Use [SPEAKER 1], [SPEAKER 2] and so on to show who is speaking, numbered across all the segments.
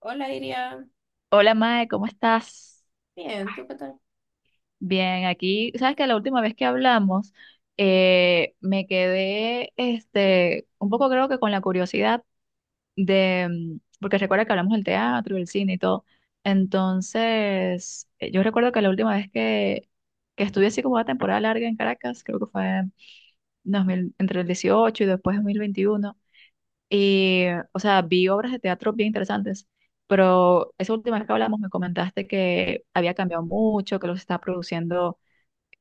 [SPEAKER 1] Hola, Iria.
[SPEAKER 2] Hola Mae, ¿cómo estás?
[SPEAKER 1] Bien, ¿tú qué tal?
[SPEAKER 2] Bien, aquí, sabes que la última vez que hablamos me quedé un poco creo que con la curiosidad de, porque recuerda que hablamos del teatro, del cine y todo. Entonces, yo recuerdo que la última vez que estuve así como una temporada larga en Caracas, creo que fue en 2000 entre el 18 y después 2021. Y, o sea, vi obras de teatro bien interesantes, pero esa última vez que hablamos me comentaste que había cambiado mucho, que los estaba produciendo,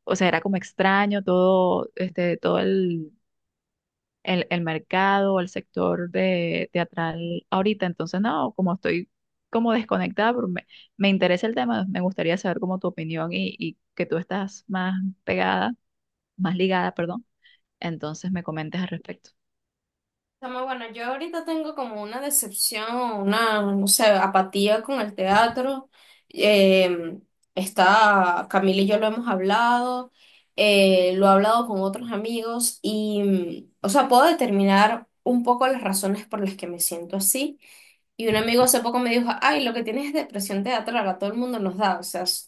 [SPEAKER 2] o sea, era como extraño todo, este, todo el mercado, el sector de teatral ahorita. Entonces, no, como estoy como desconectada, pero me interesa el tema, me gustaría saber como tu opinión y que tú estás más pegada, más ligada, perdón. Entonces me comentes al respecto.
[SPEAKER 1] Chama, bueno, yo ahorita tengo como una decepción, una, no sé, apatía con el teatro. Eh, Camila y yo lo hemos hablado, lo he hablado con otros amigos y, o sea, puedo determinar un poco las razones por las que me siento así. Y un amigo hace poco me dijo, ay, lo que tienes es depresión teatral, a todo el mundo nos da, o sea,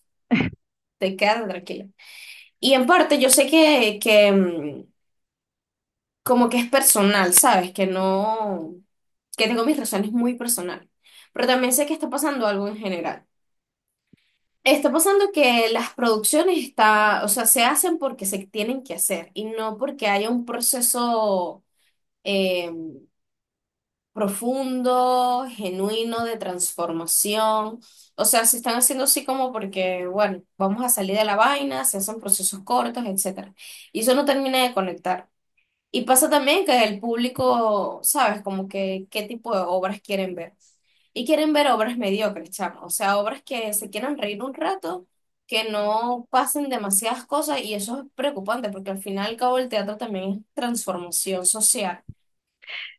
[SPEAKER 1] te quedas tranquila. Y en parte yo sé que como que es personal, ¿sabes? Que no, que tengo mis razones muy personales. Pero también sé que está pasando algo en general. Está pasando que las producciones o sea, se hacen porque se tienen que hacer y no porque haya un proceso eh, profundo, genuino de transformación. O sea, se están haciendo así como porque, bueno, vamos a salir de la vaina, se hacen procesos cortos, etcétera. Y eso no termina de conectar. Y pasa también que el público, ¿sabes? Como que qué tipo de obras quieren ver. Y quieren ver obras mediocres, chamo. O sea, obras que se quieran reír un rato, que no pasen demasiadas cosas. Y eso es preocupante, porque al final y al cabo el teatro también es transformación social.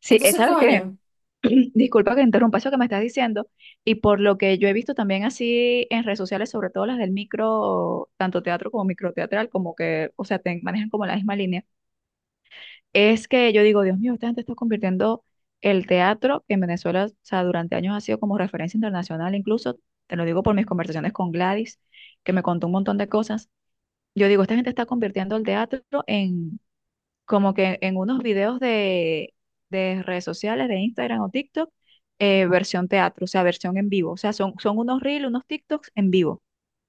[SPEAKER 2] Sí,
[SPEAKER 1] Entonces,
[SPEAKER 2] ¿sabes que
[SPEAKER 1] coño.
[SPEAKER 2] disculpa que interrumpa eso que me estás diciendo, y por lo que yo he visto también así en redes sociales, sobre todo las del micro, tanto teatro como microteatral, como que, o sea, te manejan como la misma línea, es que yo digo, Dios mío, esta gente está convirtiendo el teatro, que en Venezuela, o sea, durante años ha sido como referencia internacional, incluso, te lo digo por mis conversaciones con Gladys, que me contó un montón de cosas, yo digo, esta gente está convirtiendo el teatro como que en unos videos de redes sociales, de Instagram o TikTok, versión teatro, o sea, versión en vivo. O sea, son unos reels, unos TikToks en vivo.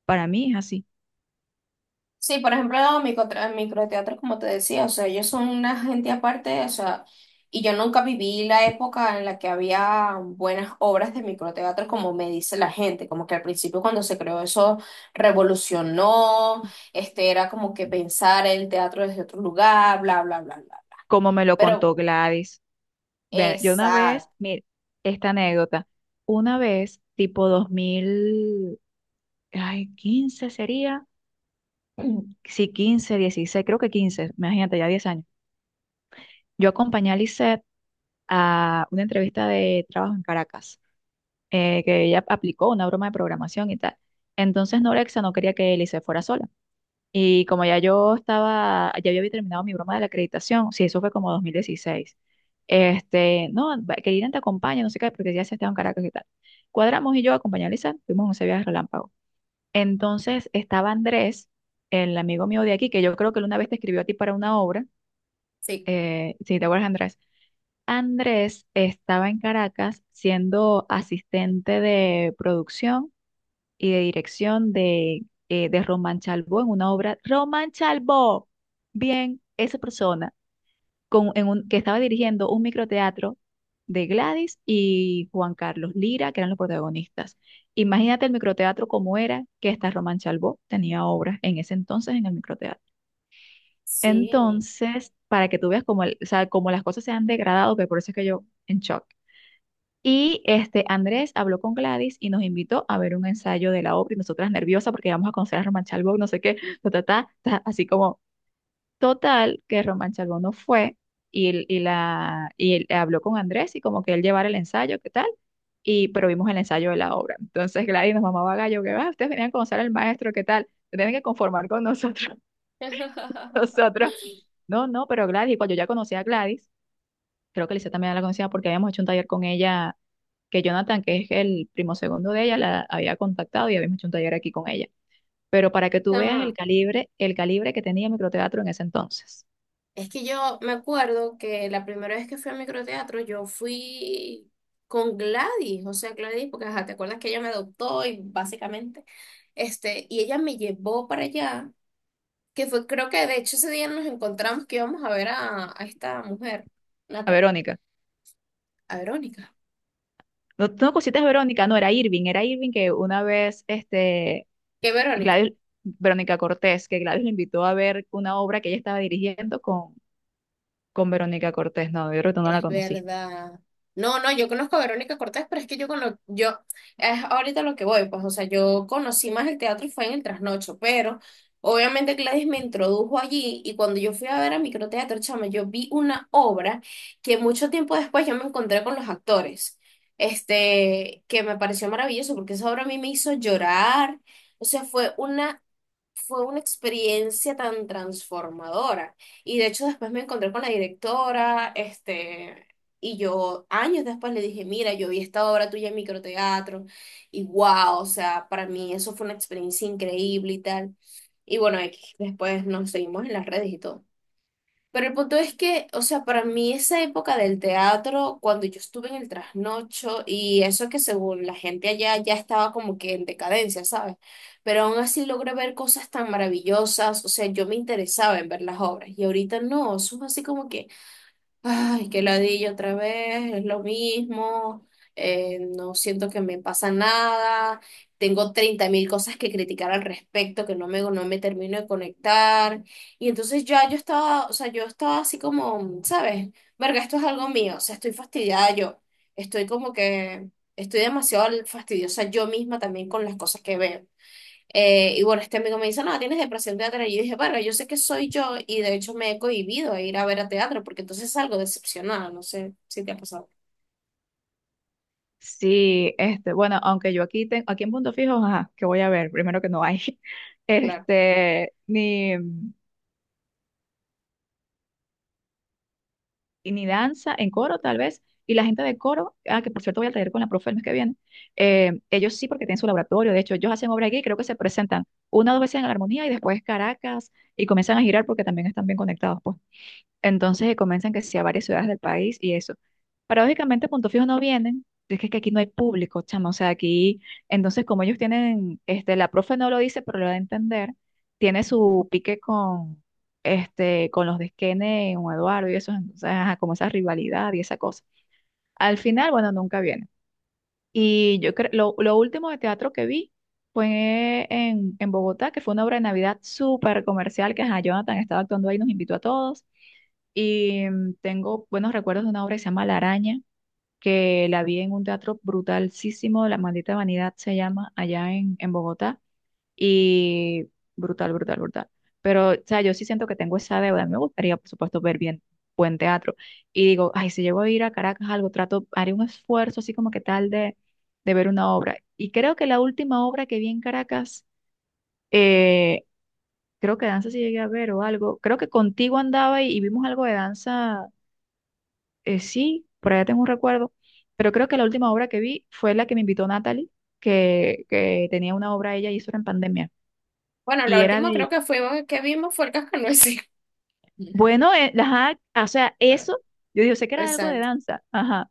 [SPEAKER 2] Para mí es así,
[SPEAKER 1] Sí, por ejemplo, los microteatros, como te decía, o sea, ellos son una gente aparte, o sea, y yo nunca viví la época en la que había buenas obras de microteatro, como me dice la gente, como que al principio cuando se creó eso revolucionó, este era como que pensar el teatro desde otro lugar, bla, bla, bla, bla, bla.
[SPEAKER 2] como me lo
[SPEAKER 1] Pero,
[SPEAKER 2] contó Gladys. Yo una vez,
[SPEAKER 1] exacto.
[SPEAKER 2] mira, esta anécdota, una vez, tipo 2000 15 sería, sí, 15, 16 creo que 15 imagínate, ya 10 años. Yo acompañé a Lisette a una entrevista de trabajo en Caracas. Que ella aplicó una broma de programación y tal. Entonces Norexa no quería que Elise fuera sola. Y como ya yo estaba, ya yo había terminado mi broma de la acreditación, sí, eso fue como 2016. Este, no, que Irene te acompañe, no sé qué, porque ya se estaba en Caracas y tal. Cuadramos y yo acompañé a Lisa, fuimos en ese viaje relámpago. Entonces estaba Andrés, el amigo mío de aquí, que yo creo que él una vez te escribió a ti para una obra,
[SPEAKER 1] Sí,
[SPEAKER 2] si te acuerdas, Andrés. Andrés estaba en Caracas siendo asistente de producción y de dirección de Román Chalbó en una obra. Román Chalbó, bien, esa persona con, en un, que estaba dirigiendo un microteatro de Gladys y Juan Carlos Lira, que eran los protagonistas. Imagínate el microteatro como era, que esta Román Chalbó tenía obras en ese entonces en el microteatro.
[SPEAKER 1] sí.
[SPEAKER 2] Entonces, para que tú veas cómo, o sea, cómo las cosas se han degradado, que por eso es que yo en shock. Y este Andrés habló con Gladys y nos invitó a ver un ensayo de la obra y nosotras nerviosas porque íbamos a conocer a Román Chalbaud, no sé qué, ta, ta, ta, ta, así como total que Román Chalbaud no fue y él habló con Andrés y como que él llevara el ensayo, ¿qué tal? Y pero vimos el ensayo de la obra. Entonces Gladys nos mamaba gallo, que va, ustedes venían a conocer al maestro, ¿qué tal? Se tienen que conformar con nosotros. Nosotros, no, no, pero Gladys, y cuando yo ya conocía a Gladys, creo que Lisa también la conocía porque habíamos hecho un taller con ella que Jonathan, que es el primo segundo de ella, la había contactado y habíamos hecho un taller aquí con ella. Pero para que tú veas
[SPEAKER 1] Chama.
[SPEAKER 2] el calibre que tenía microteatro en ese entonces.
[SPEAKER 1] Es que yo me acuerdo que la primera vez que fui a microteatro, yo fui con Gladys, o sea, Gladys, porque ajá, te acuerdas que ella me adoptó y básicamente, este, y ella me llevó para allá, que fue, creo que de hecho ese día nos encontramos que íbamos a ver a esta mujer,
[SPEAKER 2] A
[SPEAKER 1] Natalie,
[SPEAKER 2] Verónica.
[SPEAKER 1] a Verónica.
[SPEAKER 2] No, no cositas Verónica, no, era Irving que una vez,
[SPEAKER 1] ¿Qué Verónica?
[SPEAKER 2] Gladys, Verónica Cortés, que Gladys le invitó a ver una obra que ella estaba dirigiendo con Verónica Cortés. No, yo creo que tú no la
[SPEAKER 1] Es
[SPEAKER 2] conociste.
[SPEAKER 1] verdad. No, no, yo conozco a Verónica Cortés, pero es que yo conozco, yo, es ahorita lo que voy, pues, o sea, yo conocí más el teatro fue en el trasnocho, pero obviamente Gladys me introdujo allí y cuando yo fui a ver a microteatro, chama, yo vi una obra que mucho tiempo después yo me encontré con los actores, este, que me pareció maravilloso porque esa obra a mí me hizo llorar, o sea, fue una experiencia tan transformadora. Y de hecho después me encontré con la directora, este, y yo años después le dije, mira, yo vi esta obra tuya en microteatro, y wow, o sea, para mí eso fue una experiencia increíble y tal. Y bueno, X, después nos seguimos en las redes y todo. Pero el punto es que, o sea, para mí esa época del teatro, cuando yo estuve en el trasnocho y eso que según la gente allá ya estaba como que en decadencia, ¿sabes? Pero aún así logré ver cosas tan maravillosas, o sea, yo me interesaba en ver las obras y ahorita no, eso es así como que ay, qué ladilla otra vez, es lo mismo, no siento que me pasa nada, tengo 30 mil cosas que criticar al respecto, que no me termino de conectar, y entonces ya yo estaba, o sea, yo estaba así como, ¿sabes? Verga, esto es algo mío, o sea, estoy fastidiada yo, estoy como que, estoy demasiado fastidiosa yo misma también con las cosas que veo. Y bueno, este amigo me dice, no, tienes depresión teatral. Y yo dije, bueno, yo sé que soy yo y de hecho me he cohibido a ir a ver a teatro porque entonces salgo decepcionada. No sé si te ha pasado.
[SPEAKER 2] Sí, bueno, aunque yo aquí tengo, aquí en Punto Fijo, ajá, que voy a ver, primero que no hay,
[SPEAKER 1] Claro.
[SPEAKER 2] ni, y ni danza, en coro tal vez, y la gente de coro, ah, que por cierto voy al taller con la profe el mes que viene, ellos sí porque tienen su laboratorio, de hecho ellos hacen obra aquí creo que se presentan una o dos veces en la armonía y después Caracas y comienzan a girar porque también están bien conectados, pues. Entonces que comienzan que sea varias ciudades del país y eso. Paradójicamente, Punto Fijo no vienen, es que aquí no hay público, chamo. O sea, aquí, entonces como ellos tienen, la profe no lo dice, pero lo da a entender, tiene su pique con, con los de Skene o Eduardo y eso, entonces, ajá, como esa rivalidad y esa cosa. Al final, bueno, nunca vienen. Y yo creo, lo último de teatro que vi fue en Bogotá, que fue una obra de Navidad súper comercial, que ajá, Jonathan estaba actuando ahí, nos invitó a todos. Y tengo buenos recuerdos de una obra que se llama La Araña, que la vi en un teatro brutalísimo, La Maldita Vanidad se llama, allá en Bogotá. Y brutal, brutal, brutal. Pero, o sea, yo sí siento que tengo esa deuda. A mí me gustaría, por supuesto, ver bien buen teatro. Y digo, ay, si llego a ir a Caracas, algo, trato, haré un esfuerzo así como que tal de ver una obra. Y creo que la última obra que vi en Caracas, eh, creo que danza sí llegué a ver o algo. Creo que contigo andaba y vimos algo de danza sí, por allá tengo un recuerdo, pero creo que la última obra que vi fue la que me invitó Natalie, que tenía una obra ella y eso era en pandemia.
[SPEAKER 1] Bueno, la
[SPEAKER 2] Y era
[SPEAKER 1] última
[SPEAKER 2] de,
[SPEAKER 1] creo que fuimos que vimos fue el Cascanueces.
[SPEAKER 2] bueno, ajá, o sea, eso, yo digo, sé que era algo de
[SPEAKER 1] Exacto.
[SPEAKER 2] danza, ajá,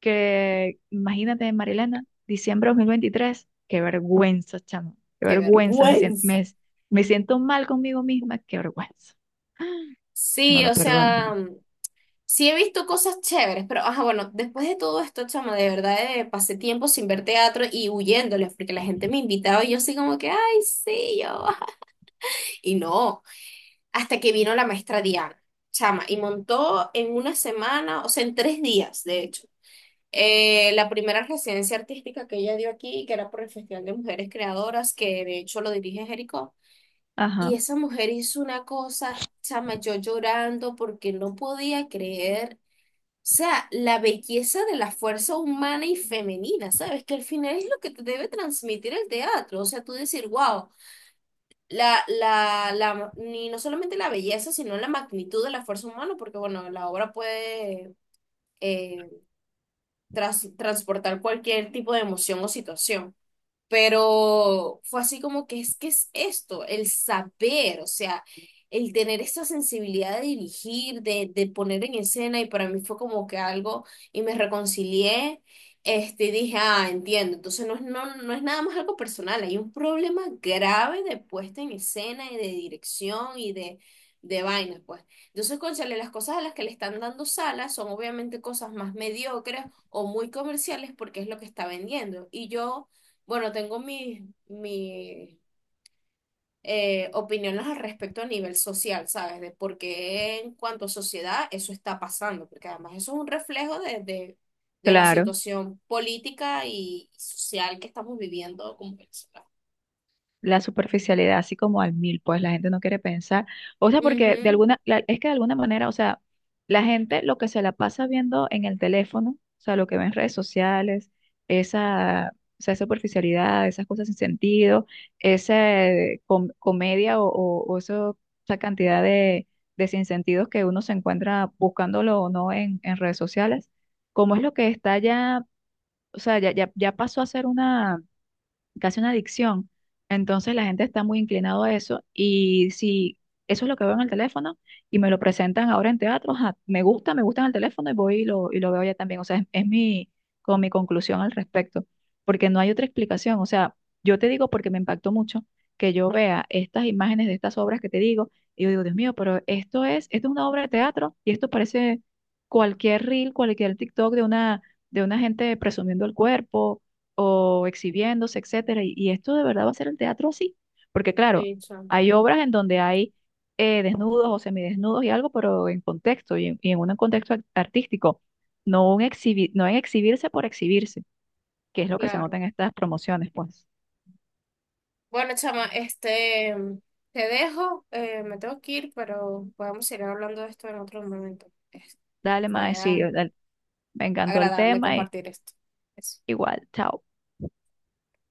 [SPEAKER 2] que imagínate, Marilena, diciembre de 2023, qué vergüenza, chamo, qué
[SPEAKER 1] Qué
[SPEAKER 2] vergüenza,
[SPEAKER 1] vergüenza.
[SPEAKER 2] me siento mal conmigo misma, qué vergüenza. No
[SPEAKER 1] Sí,
[SPEAKER 2] lo
[SPEAKER 1] o
[SPEAKER 2] perdono.
[SPEAKER 1] sea, sí he visto cosas chéveres, pero ajá, bueno, después de todo esto, chama, de verdad pasé tiempo sin ver teatro y huyéndoles porque la gente me invitaba y yo así como que, ay, sí, yo. Y no, hasta que vino la maestra Diana, chama, y montó en una semana, o sea, en 3 días, de hecho, la primera residencia artística que ella dio aquí, que era por el Festival de Mujeres Creadoras, que de hecho lo dirige Jericó.
[SPEAKER 2] Ajá,
[SPEAKER 1] Y esa mujer hizo una cosa, chama, yo llorando porque no podía creer, o sea, la belleza de la fuerza humana y femenina, ¿sabes? Que al final es lo que te debe transmitir el teatro, o sea, tú decir, wow la, la, la, ni no solamente la belleza, sino la magnitud de la fuerza humana, porque bueno, la obra puede eh, transportar cualquier tipo de emoción o situación, pero fue así como que es esto, el saber, o sea, el tener esa sensibilidad de dirigir, de poner en escena, y para mí fue como que algo, y me reconcilié, este, y dije, ah, entiendo, entonces no es nada más algo personal, hay un problema grave de puesta en escena y de dirección y de vaina, pues. Entonces, cónchale, las cosas a las que le están dando salas son obviamente cosas más mediocres o muy comerciales porque es lo que está vendiendo. Y yo, bueno, tengo mi opiniones al respecto a nivel social, ¿sabes? De por qué en cuanto a sociedad eso está pasando, porque además eso es un reflejo de la
[SPEAKER 2] claro.
[SPEAKER 1] situación política y social que estamos viviendo como Venezuela.
[SPEAKER 2] La superficialidad así como al mil, pues la gente no quiere pensar. O sea, porque de
[SPEAKER 1] Ujú,
[SPEAKER 2] alguna, es que de alguna manera, o sea, la gente lo que se la pasa viendo en el teléfono, o sea, lo que ve en redes sociales, esa, o sea, superficialidad, esas cosas sin sentido, esa comedia o esa cantidad de sinsentidos que uno se encuentra buscándolo o no en redes sociales, como es lo que está ya, o sea, ya pasó a ser una casi una adicción. Entonces la gente está muy inclinado a eso y si eso es lo que veo en el teléfono y me lo presentan ahora en teatro, ajá, me gusta en el teléfono y voy y lo veo ya también. O sea, es mi, como mi conclusión al respecto, porque no hay otra explicación. O sea, yo te digo porque me impactó mucho que yo vea estas imágenes de estas obras que te digo y yo digo, Dios mío, pero esto es una obra de teatro y esto parece cualquier reel, cualquier TikTok de una gente presumiendo el cuerpo o exhibiéndose, etcétera. Y esto de verdad va a ser el teatro así, porque claro,
[SPEAKER 1] sí, chama,
[SPEAKER 2] hay obras en donde hay desnudos o semidesnudos y algo, pero en contexto y en un contexto artístico, no, no en exhibirse por exhibirse, que es lo que se nota
[SPEAKER 1] claro.
[SPEAKER 2] en estas promociones, pues.
[SPEAKER 1] Bueno, chama, te dejo, me tengo que ir, pero podemos seguir hablando de esto en otro momento.
[SPEAKER 2] Dale, mae,
[SPEAKER 1] Fue
[SPEAKER 2] sí, dale, me encantó el
[SPEAKER 1] agradable
[SPEAKER 2] tema y
[SPEAKER 1] compartir esto. Eso.
[SPEAKER 2] igual, chao.